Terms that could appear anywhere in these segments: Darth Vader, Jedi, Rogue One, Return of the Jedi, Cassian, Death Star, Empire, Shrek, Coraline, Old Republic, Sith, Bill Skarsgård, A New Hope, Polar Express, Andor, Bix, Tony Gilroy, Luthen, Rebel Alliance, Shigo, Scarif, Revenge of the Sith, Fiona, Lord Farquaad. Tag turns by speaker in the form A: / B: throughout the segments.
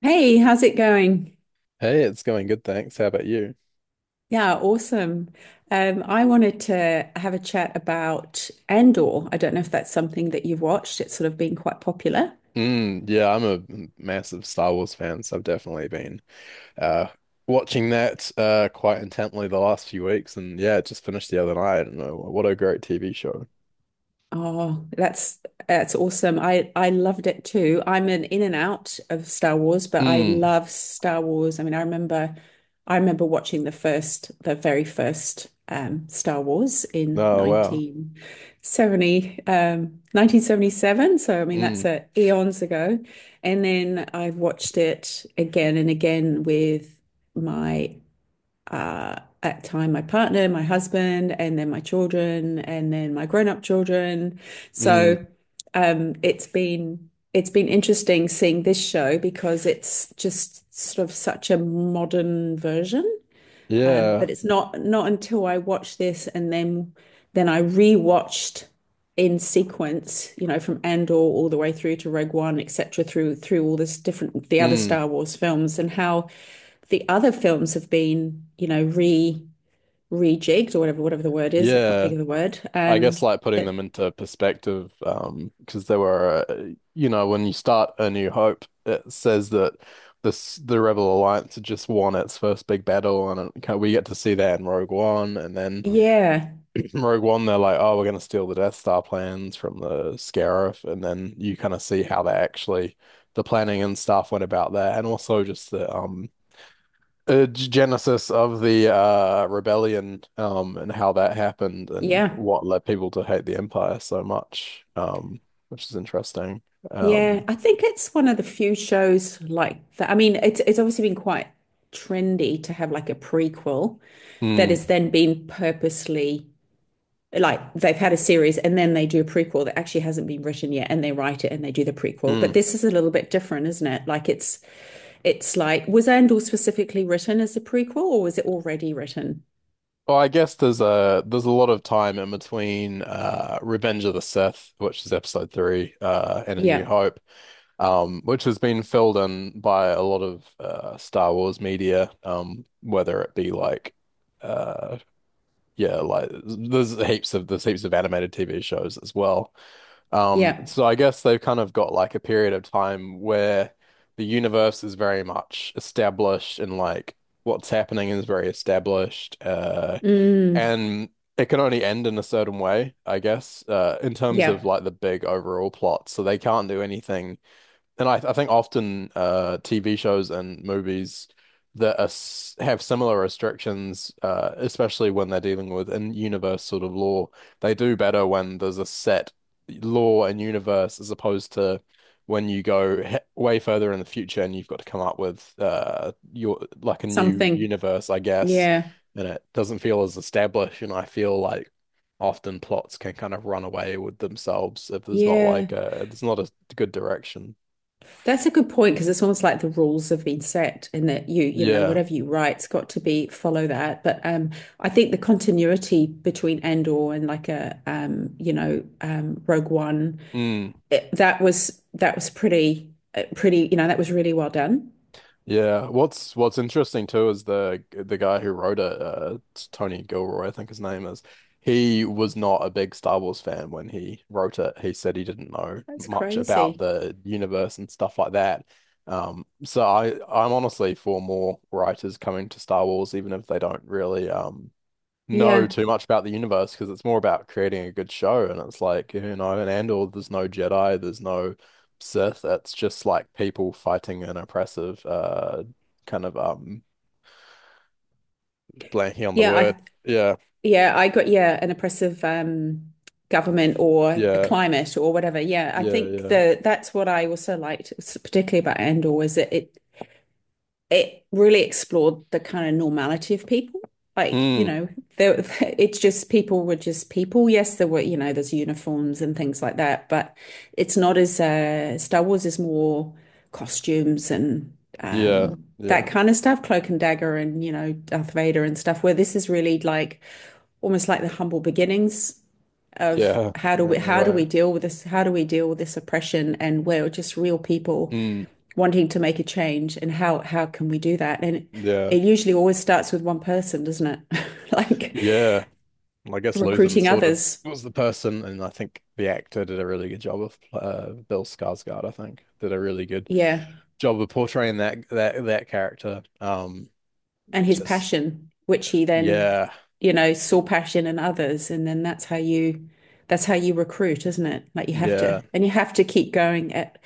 A: Hey, how's it going?
B: Hey, it's going good, thanks. How about you?
A: Yeah, awesome. I wanted to have a chat about Andor. I don't know if that's something that you've watched. It's sort of been quite popular.
B: Mm, yeah, I'm a massive Star Wars fan, so I've definitely been uh watching that quite intently the last few weeks and yeah, it just finished the other night. And what a great TV show.
A: Oh, that's awesome. I loved it too. I'm an in and out of Star Wars, but I
B: Mm.
A: love Star Wars. I mean, I remember watching the very first Star Wars in
B: Oh wow.
A: 1970 1977. So I mean, that's
B: Mm.
A: eons ago. And then I've watched it again and again with my uh, at time my partner, my husband, and then my children, and then my grown-up children.
B: Mm.
A: So it's been interesting seeing this show because it's just sort of such a modern version,
B: Yeah.
A: but it's not until I watched this and then I rewatched in sequence, you know, from Andor all the way through to Rogue One, etc., through all this different the other
B: Mm.
A: Star Wars films and how the other films have been, you know, re rejigged or whatever the word is. I can't think
B: Yeah.
A: of the word.
B: I guess like putting them into perspective, because they were, when you start A New Hope, it says that this the Rebel Alliance had just won its first big battle, and we get to see that in Rogue One, and then
A: Yeah,
B: Rogue One they're like, oh, we're gonna steal the Death Star plans from the Scarif, and then you kind of see how they actually the planning and stuff went about that, and also just the genesis of the rebellion, and how that happened and
A: yeah.
B: what led people to hate the Empire so much, which is interesting.
A: Yeah,
B: Um,
A: I think it's one of the few shows like that. I mean, it's obviously been quite trendy to have like a prequel that
B: hmm,
A: has then been purposely like they've had a series and then they do a prequel that actually hasn't been written yet and they write it and they do the prequel.
B: hmm.
A: But this is a little bit different, isn't it? Like it's like was Andor specifically written as a prequel or was it already written?
B: Well, I guess there's a lot of time in between Revenge of the Sith, which is episode three, and A New
A: Yeah.
B: Hope, which has been filled in by a lot of Star Wars media, whether it be like uh yeah, like there's heaps of animated TV shows as well. Um,
A: Yeah.
B: so I guess they've kind of got like a period of time where the universe is very much established and like what's happening is very established. Uh,
A: Mm,
B: and it can only end in a certain way, I guess, in terms of
A: yeah.
B: like the big overall plot. So they can't do anything and I think often TV shows and movies that are, have similar restrictions, especially when they're dealing with in-universe sort of law, they do better when there's a set law and universe as opposed to when you go he way further in the future and you've got to come up with your like a new
A: Something.
B: universe, I guess,
A: Yeah.
B: and it doesn't feel as established. And I feel like often plots can kind of run away with themselves if there's not
A: Yeah.
B: like a there's not a good direction.
A: That's a good point because it's almost like the rules have been set and that you know,
B: Yeah.
A: whatever you write's got to be follow that. But I think the continuity between Andor and like a, you know, Rogue One,
B: Mm.
A: it, that was pretty, pretty, you know, that was really well done.
B: Yeah. What's interesting too is the guy who wrote it, it's Tony Gilroy, I think his name is. He was not a big Star Wars fan when he wrote it. He said he didn't know
A: That's
B: much about
A: crazy.
B: the universe and stuff like that. So I'm honestly for more writers coming to Star Wars, even if they don't really know
A: Yeah,
B: too much about the universe because it's more about creating a good show. And it's like, in Andor, there's no Jedi, there's no Sith. It's just like people fighting an oppressive, kind of blanking on the
A: yeah.
B: word. Yeah,
A: Yeah, an oppressive government or a
B: yeah,
A: climate or whatever. Yeah, I
B: yeah,
A: think
B: yeah.
A: the that's what I also liked, particularly about Andor, was that it really explored the kind of normality of people. Like, you
B: Mm,
A: know, there, it's just people were just people. Yes, there were, you know, there's uniforms and things like that, but it's not as Star Wars is more costumes and
B: yeah,
A: that
B: yeah,
A: kind of stuff, cloak and dagger and, you know, Darth Vader and stuff, where this is really like almost like the humble beginnings of
B: yeah,
A: how do
B: yeah,
A: we
B: in a
A: how do
B: way.
A: we deal with this? How do we deal with this oppression? And we're just real people
B: Mm,
A: wanting to make a change and how can we do that? And it,
B: yeah,
A: it usually always starts with one person, doesn't it? Like
B: yeah. Well, I guess Luthen
A: recruiting
B: sort of
A: others.
B: was the person, and I think the actor did a really good job of Bill Skarsgård, I think, did a really good
A: Yeah.
B: job of portraying that character. Um,
A: And his
B: just
A: passion, which he then,
B: yeah,
A: you know, saw passion in others. And then that's how you recruit, isn't it? Like you have to
B: yeah,
A: and you have to keep going at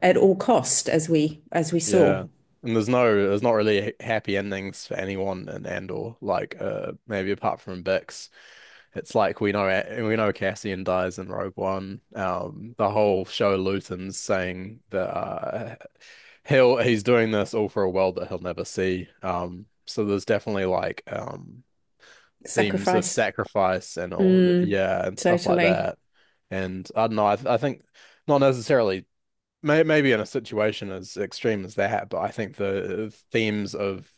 A: at all cost as we saw.
B: yeah. And there's not really happy endings for anyone in Andor. Like, maybe apart from Bix, it's like we know we know Cassian dies in Rogue One. The whole show Luton's saying that he's doing this all for a world that he'll never see. So there's definitely like themes of
A: Sacrifice.
B: sacrifice and all,
A: Mm,
B: yeah, and stuff like
A: totally.
B: that. And I don't know, I think not necessarily, maybe in a situation as extreme as that, but I think the themes of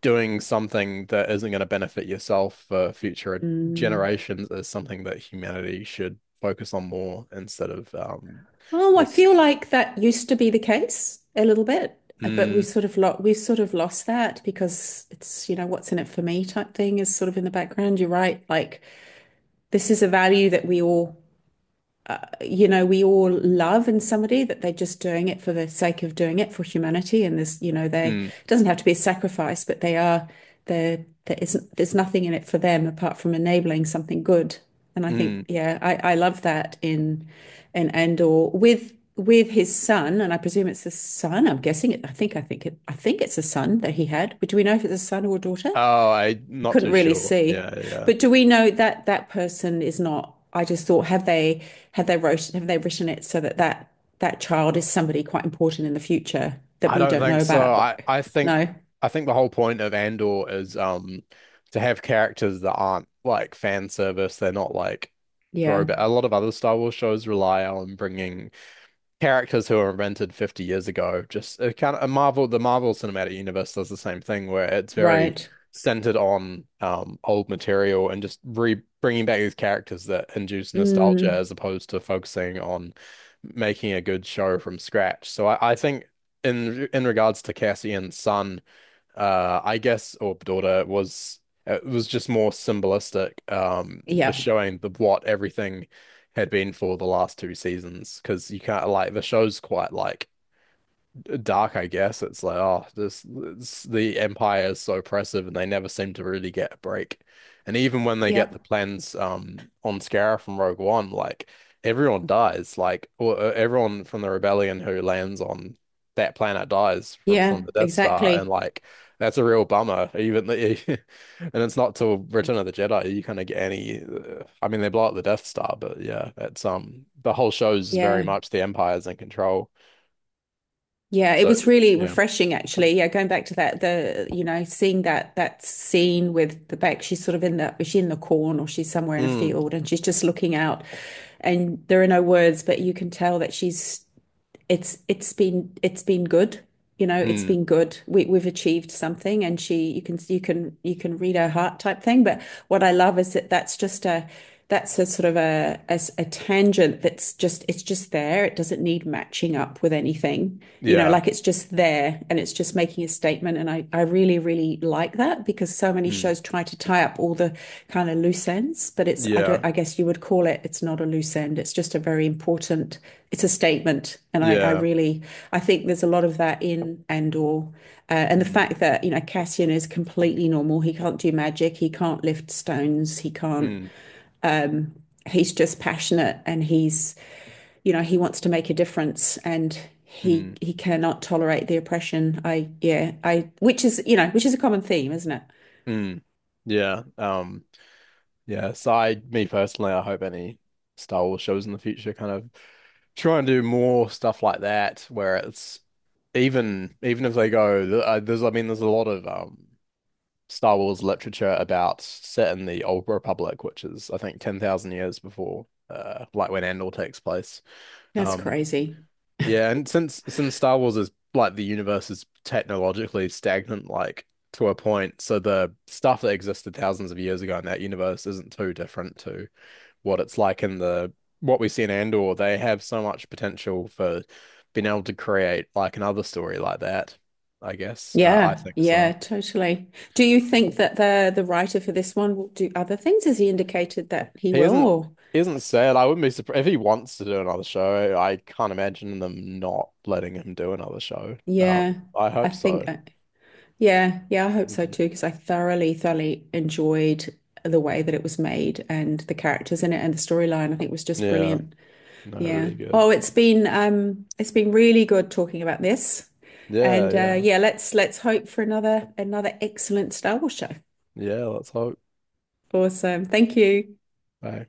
B: doing something that isn't going to benefit yourself for future
A: Mm.
B: generations is something that humanity should focus on more instead of
A: Oh, I
B: this.
A: feel like that used to be the case a little bit, but we've
B: Mm,
A: sort of lost we've sort of lost that because it's, you know, what's in it for me type thing is sort of in the background. You're right. Like this is a value that we all, you know, we all love in somebody that they're just doing it for the sake of doing it for humanity. And there's, you know, they,
B: mm,
A: it doesn't have to be a sacrifice, but they are, there isn't, there's nothing in it for them apart from enabling something good. And I think,
B: mm.
A: yeah, I love that in Andor with his son, and I presume it's a son. I'm guessing it. I think it's a son that he had. Do we know if it's a son or a daughter?
B: Oh, I not
A: Couldn't
B: too
A: really
B: sure.
A: see.
B: Yeah, yeah.
A: But do we know that that person is not? I just thought, have they written it so that that child is somebody quite important in the future that
B: I
A: we
B: don't
A: don't know
B: think so.
A: about?
B: I,
A: But
B: I think
A: no,
B: I think the whole point of Andor is to have characters that aren't like fan service. They're not like
A: yeah,
B: throwback. A lot of other Star Wars shows rely on bringing characters who were invented 50 years ago. Just it kind of a Marvel, the Marvel Cinematic Universe does the same thing where it's very
A: right.
B: centered on old material and just re bringing back these characters that induce nostalgia
A: Mm,
B: as opposed to focusing on making a good show from scratch. So I think in regards to Cassian's son, I guess Orb Daughter was it was just more symbolistic for
A: yeah,
B: showing the what everything had been for the last two seasons because you can't like the show's quite like dark, I guess. It's like, oh, this the Empire is so oppressive, and they never seem to really get a break. And even when they
A: yeah,
B: get the plans on Scarif from Rogue One, like everyone dies, like or, everyone from the rebellion who lands on that planet dies fr from
A: yeah,
B: the Death Star, and
A: exactly.
B: like that's a real bummer. Even the, and it's not till Return of the Jedi you kind of get any. I mean, they blow up the Death Star, but yeah, it's the whole show's very
A: Yeah.
B: much the Empire's in control.
A: Yeah, it
B: So.
A: was really
B: Yeah.
A: refreshing actually. Yeah, going back to that, the you know, seeing that scene with the back, she's sort of in the, is she in the corn or she's somewhere in a
B: Mm,
A: field and she's just looking out and there are no words, but you can tell that she's, it's been good. You know, it's
B: mm,
A: been good. We've achieved something, and she, you can read her heart type thing. But what I love is that that's a sort of a, a tangent that's just, it's just there. It doesn't need matching up with anything. You know,
B: yeah,
A: like it's just there, and it's just making a statement. And I really, really, really like that because so many
B: mm,
A: shows try to tie up all the kind of loose ends, but it's, I don't,
B: yeah,
A: I guess you would call it, it's not a loose end. It's just a very important, it's a statement. And I
B: yeah,
A: really, I think there's a lot of that in Andor. And the
B: mm,
A: fact that, you know, Cassian is completely normal. He can't do magic. He can't lift stones. He can't
B: mm,
A: he's just passionate and he's, you know, he wants to make a difference and
B: mm,
A: he cannot tolerate the oppression. I yeah, I which is, you know, which is a common theme, isn't it?
B: mm, yeah. Yeah. So me personally, I hope any Star Wars shows in the future kind of try and do more stuff like that, where it's even if they go, I mean, there's a lot of Star Wars literature about set in the Old Republic, which is I think 10,000 years before, like when Andor takes place.
A: That's
B: Um,
A: crazy.
B: Yeah, and since Star Wars is like the universe is technologically stagnant, like to a point, so the stuff that existed thousands of years ago in that universe isn't too different to what it's like in the what we see in Andor. They have so much potential for being able to create like another story like that, I guess. I
A: Yeah,
B: think
A: yeah,
B: so.
A: totally. Do you think that the writer for this one will do other things? Has he indicated that he
B: He
A: will?
B: isn't
A: Or,
B: he isn't sad. I wouldn't be surprised if he wants to do another show. I can't imagine them not letting him do another show. Um,
A: yeah,
B: I
A: I
B: hope
A: think
B: so.
A: yeah, yeah, I hope so
B: Mhm.
A: too because I thoroughly, thoroughly enjoyed the way that it was made and the characters in it and the storyline. I think was just
B: Yeah.
A: brilliant.
B: No,
A: Yeah.
B: really good.
A: Oh, it's been really good talking about this.
B: Yeah,
A: And
B: yeah.
A: yeah, let's hope for another excellent Star Wars show.
B: Yeah, let's hope.
A: Awesome. Thank you.
B: Bye.